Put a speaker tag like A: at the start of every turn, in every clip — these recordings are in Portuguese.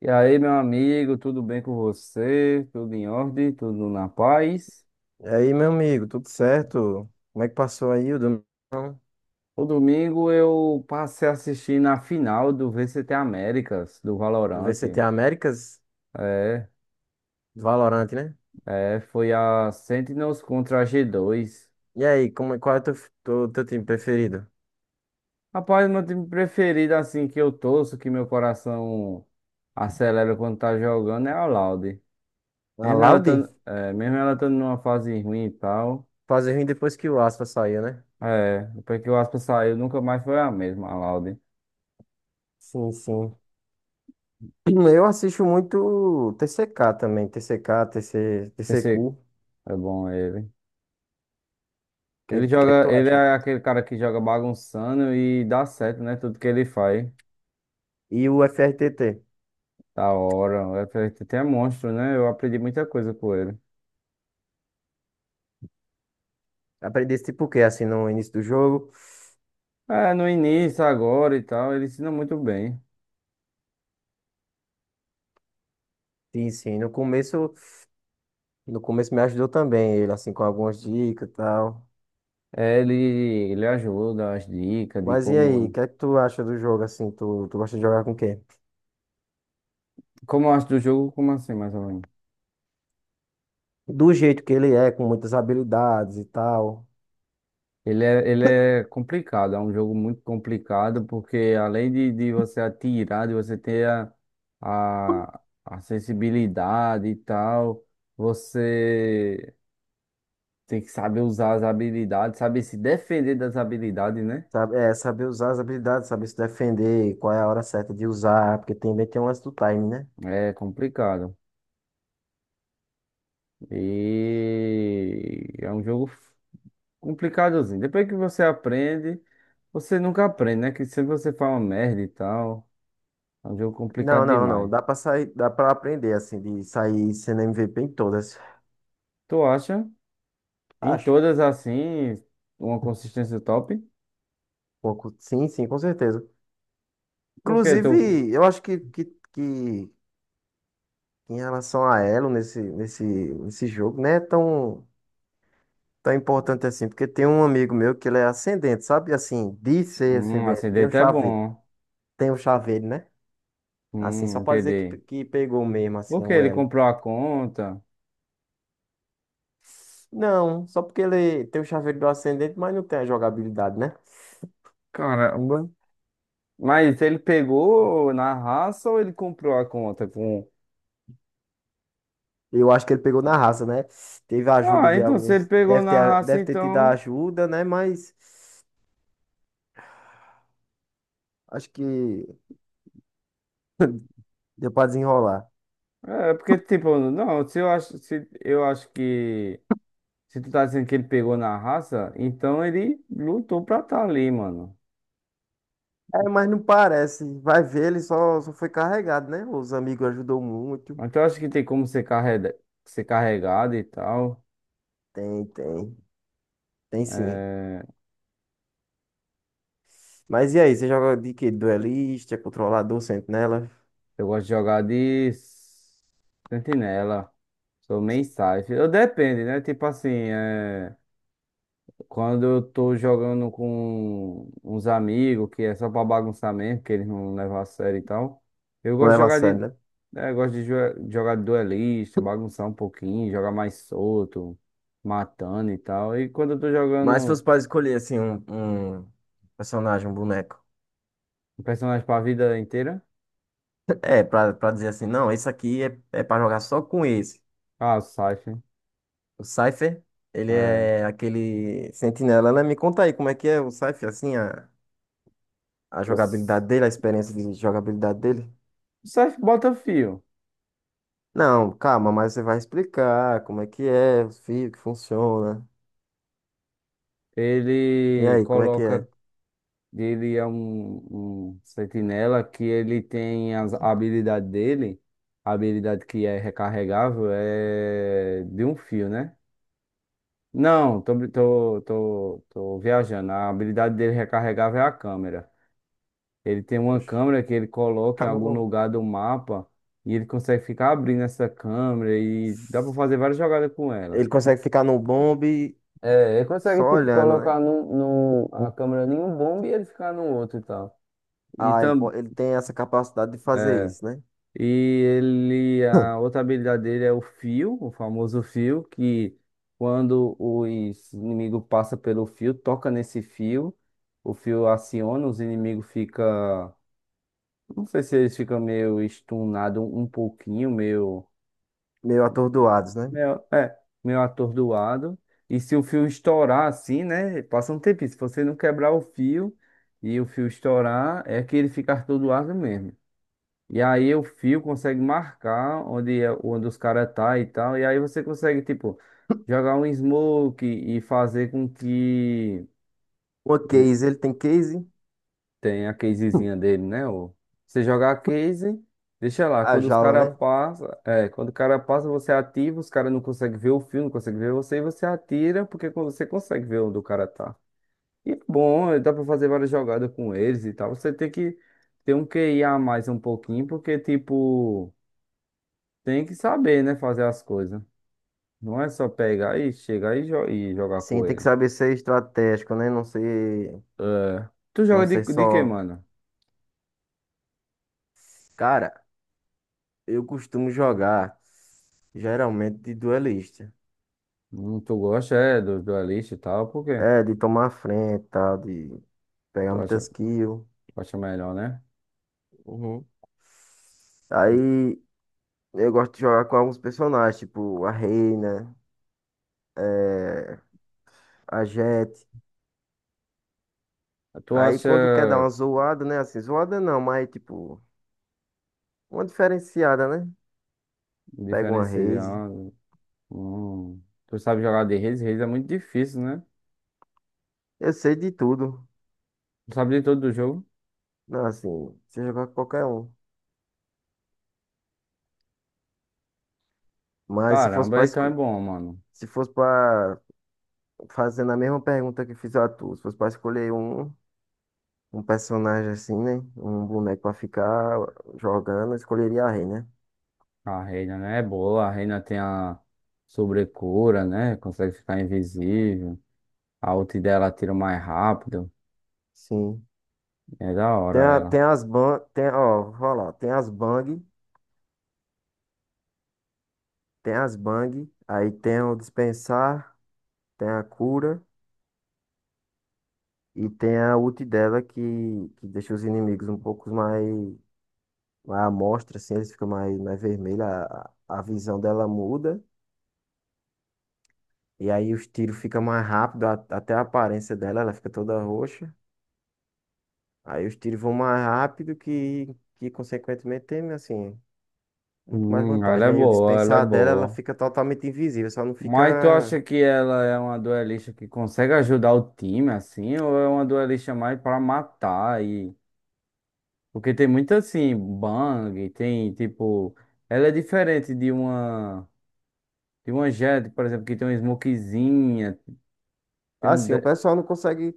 A: E aí, meu amigo, tudo bem com você? Tudo em ordem? Tudo na paz?
B: E aí, meu amigo, tudo certo? Como é que passou aí o domingão
A: O domingo eu passei a assistir na final do VCT Américas, do
B: do
A: Valorant.
B: VCT Américas?
A: É,
B: Do Valorant, né?
A: Foi a Sentinels contra a G2.
B: E aí, como, é, qual é o teu, teu time preferido?
A: Rapaz, meu time preferido, assim, que eu torço, que meu coração acelera quando tá jogando, é a Loud.
B: A
A: Mesmo ela
B: Laude?
A: tando, mesmo ela tando numa fase ruim e tal,
B: Fazer ruim depois que o Aspa saiu, né?
A: é, depois que o Aspa saiu, nunca mais foi a mesma, a Loud.
B: Sim, sim. Eu assisto muito TCK também, TCK, TC, TCQ.
A: Pensei,
B: O
A: é bom ele. Ele
B: que é que
A: joga,
B: tu
A: ele
B: acha aí?
A: é aquele cara que joga bagunçando e dá certo, né? Tudo que ele faz.
B: E o FRTT.
A: Da hora. Até é monstro, né? Eu aprendi muita coisa com ele.
B: Aprendi esse tipo o quê? Assim, no início do jogo?
A: É, no início, agora e tal, ele ensina muito bem.
B: Sim, sim. No começo, no começo me ajudou também ele, assim, com algumas dicas e tal.
A: É, ele, ele ajuda as dicas de
B: Mas e aí, o
A: como.
B: que é que tu acha do jogo assim? Tu gosta de jogar com quem?
A: Como eu acho do jogo, como assim, mais ou menos?
B: Do jeito que ele é, com muitas habilidades e tal.
A: Ele é complicado, é um jogo muito complicado, porque além de você atirar, de você ter a, a sensibilidade e tal. Você tem que saber usar as habilidades, saber se defender das habilidades, né?
B: Sabe, é, saber usar as habilidades, saber se defender, qual é a hora certa de usar, porque também tem um lance do time, né?
A: É complicado. E é um jogo complicadozinho. Depois que você aprende, você nunca aprende, né? Que sempre você fala merda e tal. É um jogo complicado
B: Não.
A: demais.
B: Dá pra sair, dá pra aprender, assim, de sair sendo MVP em todas.
A: Tu acha? Em
B: Acho. Um
A: todas assim, uma consistência top?
B: pouco. Sim, sim, com certeza.
A: Porque
B: Inclusive,
A: tu.
B: eu acho que em relação a Elo nesse jogo, né? Tão tão importante assim, porque tem um amigo meu que ele é ascendente, sabe? Assim, de ser ascendente,
A: Acidente é bom.
B: tem um chaveiro, né? Assim, só pra dizer que,
A: Entendi.
B: que pegou mesmo, assim,
A: Porque
B: o
A: ele
B: elo.
A: comprou a conta.
B: Não, só porque ele tem o chaveiro do ascendente, mas não tem a jogabilidade, né?
A: Caramba. Mas ele pegou na raça ou ele comprou a conta com.
B: Eu acho que ele pegou na raça, né? Teve a ajuda
A: Ah,
B: de
A: então se ele
B: alguns,
A: pegou
B: deve ter,
A: na raça,
B: deve ter tido a
A: então.
B: ajuda, né? Mas acho que deu pra desenrolar.
A: É, porque, tipo, não, se eu acho, se, eu acho que. Se tu tá dizendo que ele pegou na raça, então ele lutou pra tá ali, mano.
B: É, mas não parece. Vai ver, ele só, só foi carregado, né? Os amigos ajudou muito.
A: Mas eu acho que tem como ser carregado e tal.
B: Tem, tem sim.
A: É,
B: Mas e aí, você joga de quê? Duelista, controlador, sentinela?
A: eu gosto de jogar de sentinela. Sou main safe. Eu depende, né? Tipo assim, é. Quando eu tô jogando com uns amigos, que é só pra bagunçar mesmo, que eles não levam a sério e tal, eu
B: Não
A: gosto de
B: leva a
A: jogar
B: sério,
A: de.
B: né?
A: É, eu gosto de jogar de duelista, bagunçar um pouquinho, jogar mais solto, matando e tal. E quando eu tô
B: Mas se fosse
A: jogando
B: pra escolher, assim, um personagem, um boneco.
A: um personagem pra vida inteira,
B: É, pra dizer assim, não, esse aqui é, é pra jogar só com esse.
A: ah, o Scythe.
B: O Cypher, ele
A: É.
B: é aquele sentinela, né? Me conta aí como é que é o Cypher, assim, a
A: O, S-
B: jogabilidade dele, a experiência de jogabilidade dele.
A: o Scythe bota fio.
B: Não, calma, mas você vai explicar como é que é, os fios que funciona. E
A: Ele
B: aí, como é que é?
A: coloca. Ele é um, um sentinela que ele tem a habilidade dele, a habilidade que é recarregável, é de um fio, né? Não, tô, bri- tô, tô, tô viajando. A habilidade dele recarregável é a câmera. Ele tem uma
B: Oxe,
A: câmera que ele coloca
B: tá
A: em algum
B: bom.
A: lugar do mapa e ele consegue ficar abrindo essa câmera e dá pra fazer várias jogadas com ela.
B: Ele consegue ficar no bombe
A: É, ele consegue
B: só
A: tipo,
B: olhando, né?
A: colocar a câmera em um bombe e ele ficar no outro e tal. E
B: Ah, ele, ele tem essa capacidade de fazer isso, né?
A: E ele, a outra habilidade dele é o fio, o famoso fio, que quando os inimigos passam pelo fio, toca nesse fio, o fio aciona, os inimigos ficam. Não sei se eles ficam meio estunados um pouquinho,
B: Meio atordoados, né?
A: meio, é, meio atordoado. E se o fio estourar assim, né? Passa um tempinho. Se você não quebrar o fio e o fio estourar, é que ele fica atordoado mesmo. E aí o fio consegue marcar onde, onde os caras tá e tal. E aí você consegue, tipo, jogar um smoke e fazer com que
B: Uma
A: eh,
B: case, ele tem case?
A: tenha a casezinha dele, né? Ou você jogar a case, deixa lá.
B: A
A: Quando os
B: jaula,
A: caras
B: né?
A: passam, é, quando o cara passa, você ativa, os caras não conseguem ver o fio, não conseguem ver você, e você atira, porque quando você consegue ver onde o cara tá. E é bom, eh, dá pra fazer várias jogadas com eles e tal. Você tem que ter um QI a mais um pouquinho, porque, tipo. Tem que saber, né? Fazer as coisas. Não é só pegar e chegar e jogar
B: Sim,
A: com
B: tem que
A: ele.
B: saber ser estratégico, né? Não ser,
A: Tu
B: não
A: joga de,
B: ser
A: de quê,
B: só.
A: mano?
B: Cara, eu costumo jogar geralmente de duelista.
A: Tu gosta, é, dos duelistas e tal, por quê?
B: É, de tomar a frente, tá? De pegar
A: Tu acha,
B: muitas kills.
A: tu acha melhor, né?
B: Uhum. Aí eu gosto de jogar com alguns personagens, tipo a Reina, a gente.
A: Tu
B: Aí quando quer dar
A: acha
B: uma zoada, né? Assim, zoada não, mas tipo, uma diferenciada, né? Pega uma raise.
A: diferenciando. Hum, tu sabe jogar de Reis? Reis é muito difícil, né?
B: Eu sei de tudo.
A: Tu sabe de todo do jogo?
B: Não, assim, se jogar com qualquer um. Mas se fosse
A: Caramba, então é bom, mano.
B: se fosse pra fazendo a mesma pergunta que fiz a tu, se fosse pra escolher um, um personagem assim, né? Um boneco pra ficar jogando, eu escolheria a rei, né?
A: A Reina, né? É boa. A Reina tem a sobrecura, né? Consegue ficar invisível. A ult dela tira mais rápido.
B: Sim.
A: É da
B: Tem,
A: hora
B: a, tem
A: ela.
B: as ban, tem, ó, vou falar, tem as bang, aí tem o dispensar, tem a cura. E tem a ult dela que deixa os inimigos um pouco mais, mais à mostra, assim, eles ficam mais, mais vermelhos, a visão dela muda, e aí os tiros ficam mais rápido, até a aparência dela, ela fica toda roxa. Aí os tiros vão mais rápido que consequentemente, tem, assim, muito mais vantagem, né? E o
A: Ela é
B: dispensar dela, ela
A: boa.
B: fica totalmente invisível, só não
A: Mas tu
B: fica.
A: acha que ela é uma duelista que consegue ajudar o time, assim, ou é uma duelista mais pra matar e... Porque tem muito, assim, bang, tem, tipo... Ela é diferente de uma... De uma Jett, por exemplo, que tem uma smokezinha, tem um...
B: Assim, o
A: de-
B: pessoal não consegue.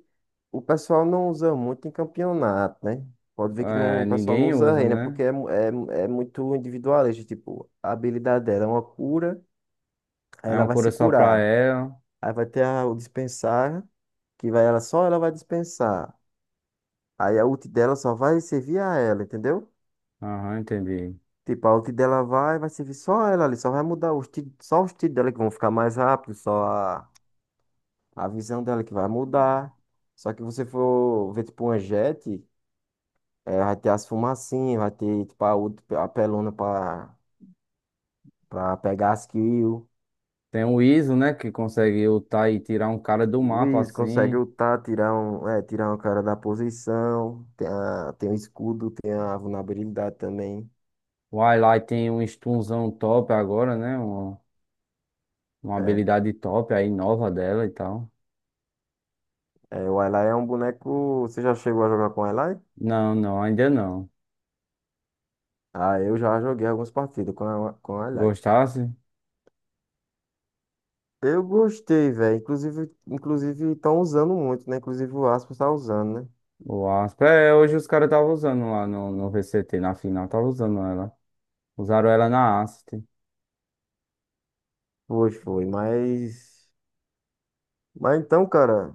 B: O pessoal não usa muito em campeonato, né? Pode ver que não,
A: é,
B: o pessoal não
A: ninguém
B: usa
A: usa,
B: renda,
A: né?
B: porque é, é, é muito individualista. Tipo, a habilidade dela é uma cura, aí
A: É
B: ela
A: uma
B: vai
A: cura
B: se
A: só pra
B: curar.
A: ela.
B: Aí vai ter o dispensar, que vai ela só ela vai dispensar. Aí a ult dela só vai servir a ela, entendeu?
A: Aham, entendi.
B: Tipo, a ult dela vai, vai servir só ela ali, só vai mudar os tiros, só os tiros dela que vão ficar mais rápidos, só a visão dela que vai mudar. Só que você for ver, tipo, uma jet. É, vai ter as fumacinhas, vai ter tipo, a, a pelona pra, pra pegar as kills.
A: Tem o Iso, né, que consegue ultar e tirar um cara do
B: O
A: mapa,
B: Luiz consegue
A: assim...
B: ultar, tirar um, é, tirar um cara da posição. Tem, a, tem o escudo, tem a vulnerabilidade também.
A: O Highlight tem um stunzão top agora, né? Uma
B: É,
A: habilidade top aí, nova dela e tal.
B: é, o Ally é um boneco. Você já chegou a jogar com o Ally?
A: Não, não, ainda não.
B: Ah, eu já joguei algumas partidas com, a, com o Ally.
A: Gostasse?
B: Eu gostei, velho. Inclusive, inclusive estão usando muito, né? Inclusive o Aspas tá usando, né?
A: O Aspa. É, hoje os caras estavam usando lá no VCT, na final, estavam usando ela. Usaram ela na Asset.
B: Foi, foi. Mas. Mas então, cara.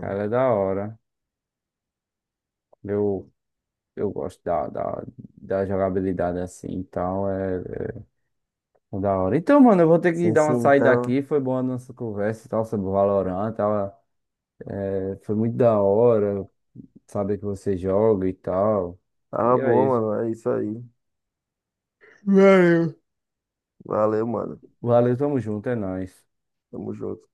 A: Ela é da hora. Eu, eu gosto da jogabilidade assim e tal. É, é da hora. Então, mano, eu vou ter que
B: Sim,
A: dar uma
B: sim,
A: saída
B: então.
A: aqui. Foi boa a nossa conversa e tal sobre o Valorant. Tava, é, foi muito da hora. Saber que você joga e tal.
B: Tá
A: E é
B: bom,
A: isso.
B: mano. É isso aí.
A: Valeu.
B: Valeu, mano.
A: Valeu, tamo junto, é nóis.
B: Tamo junto.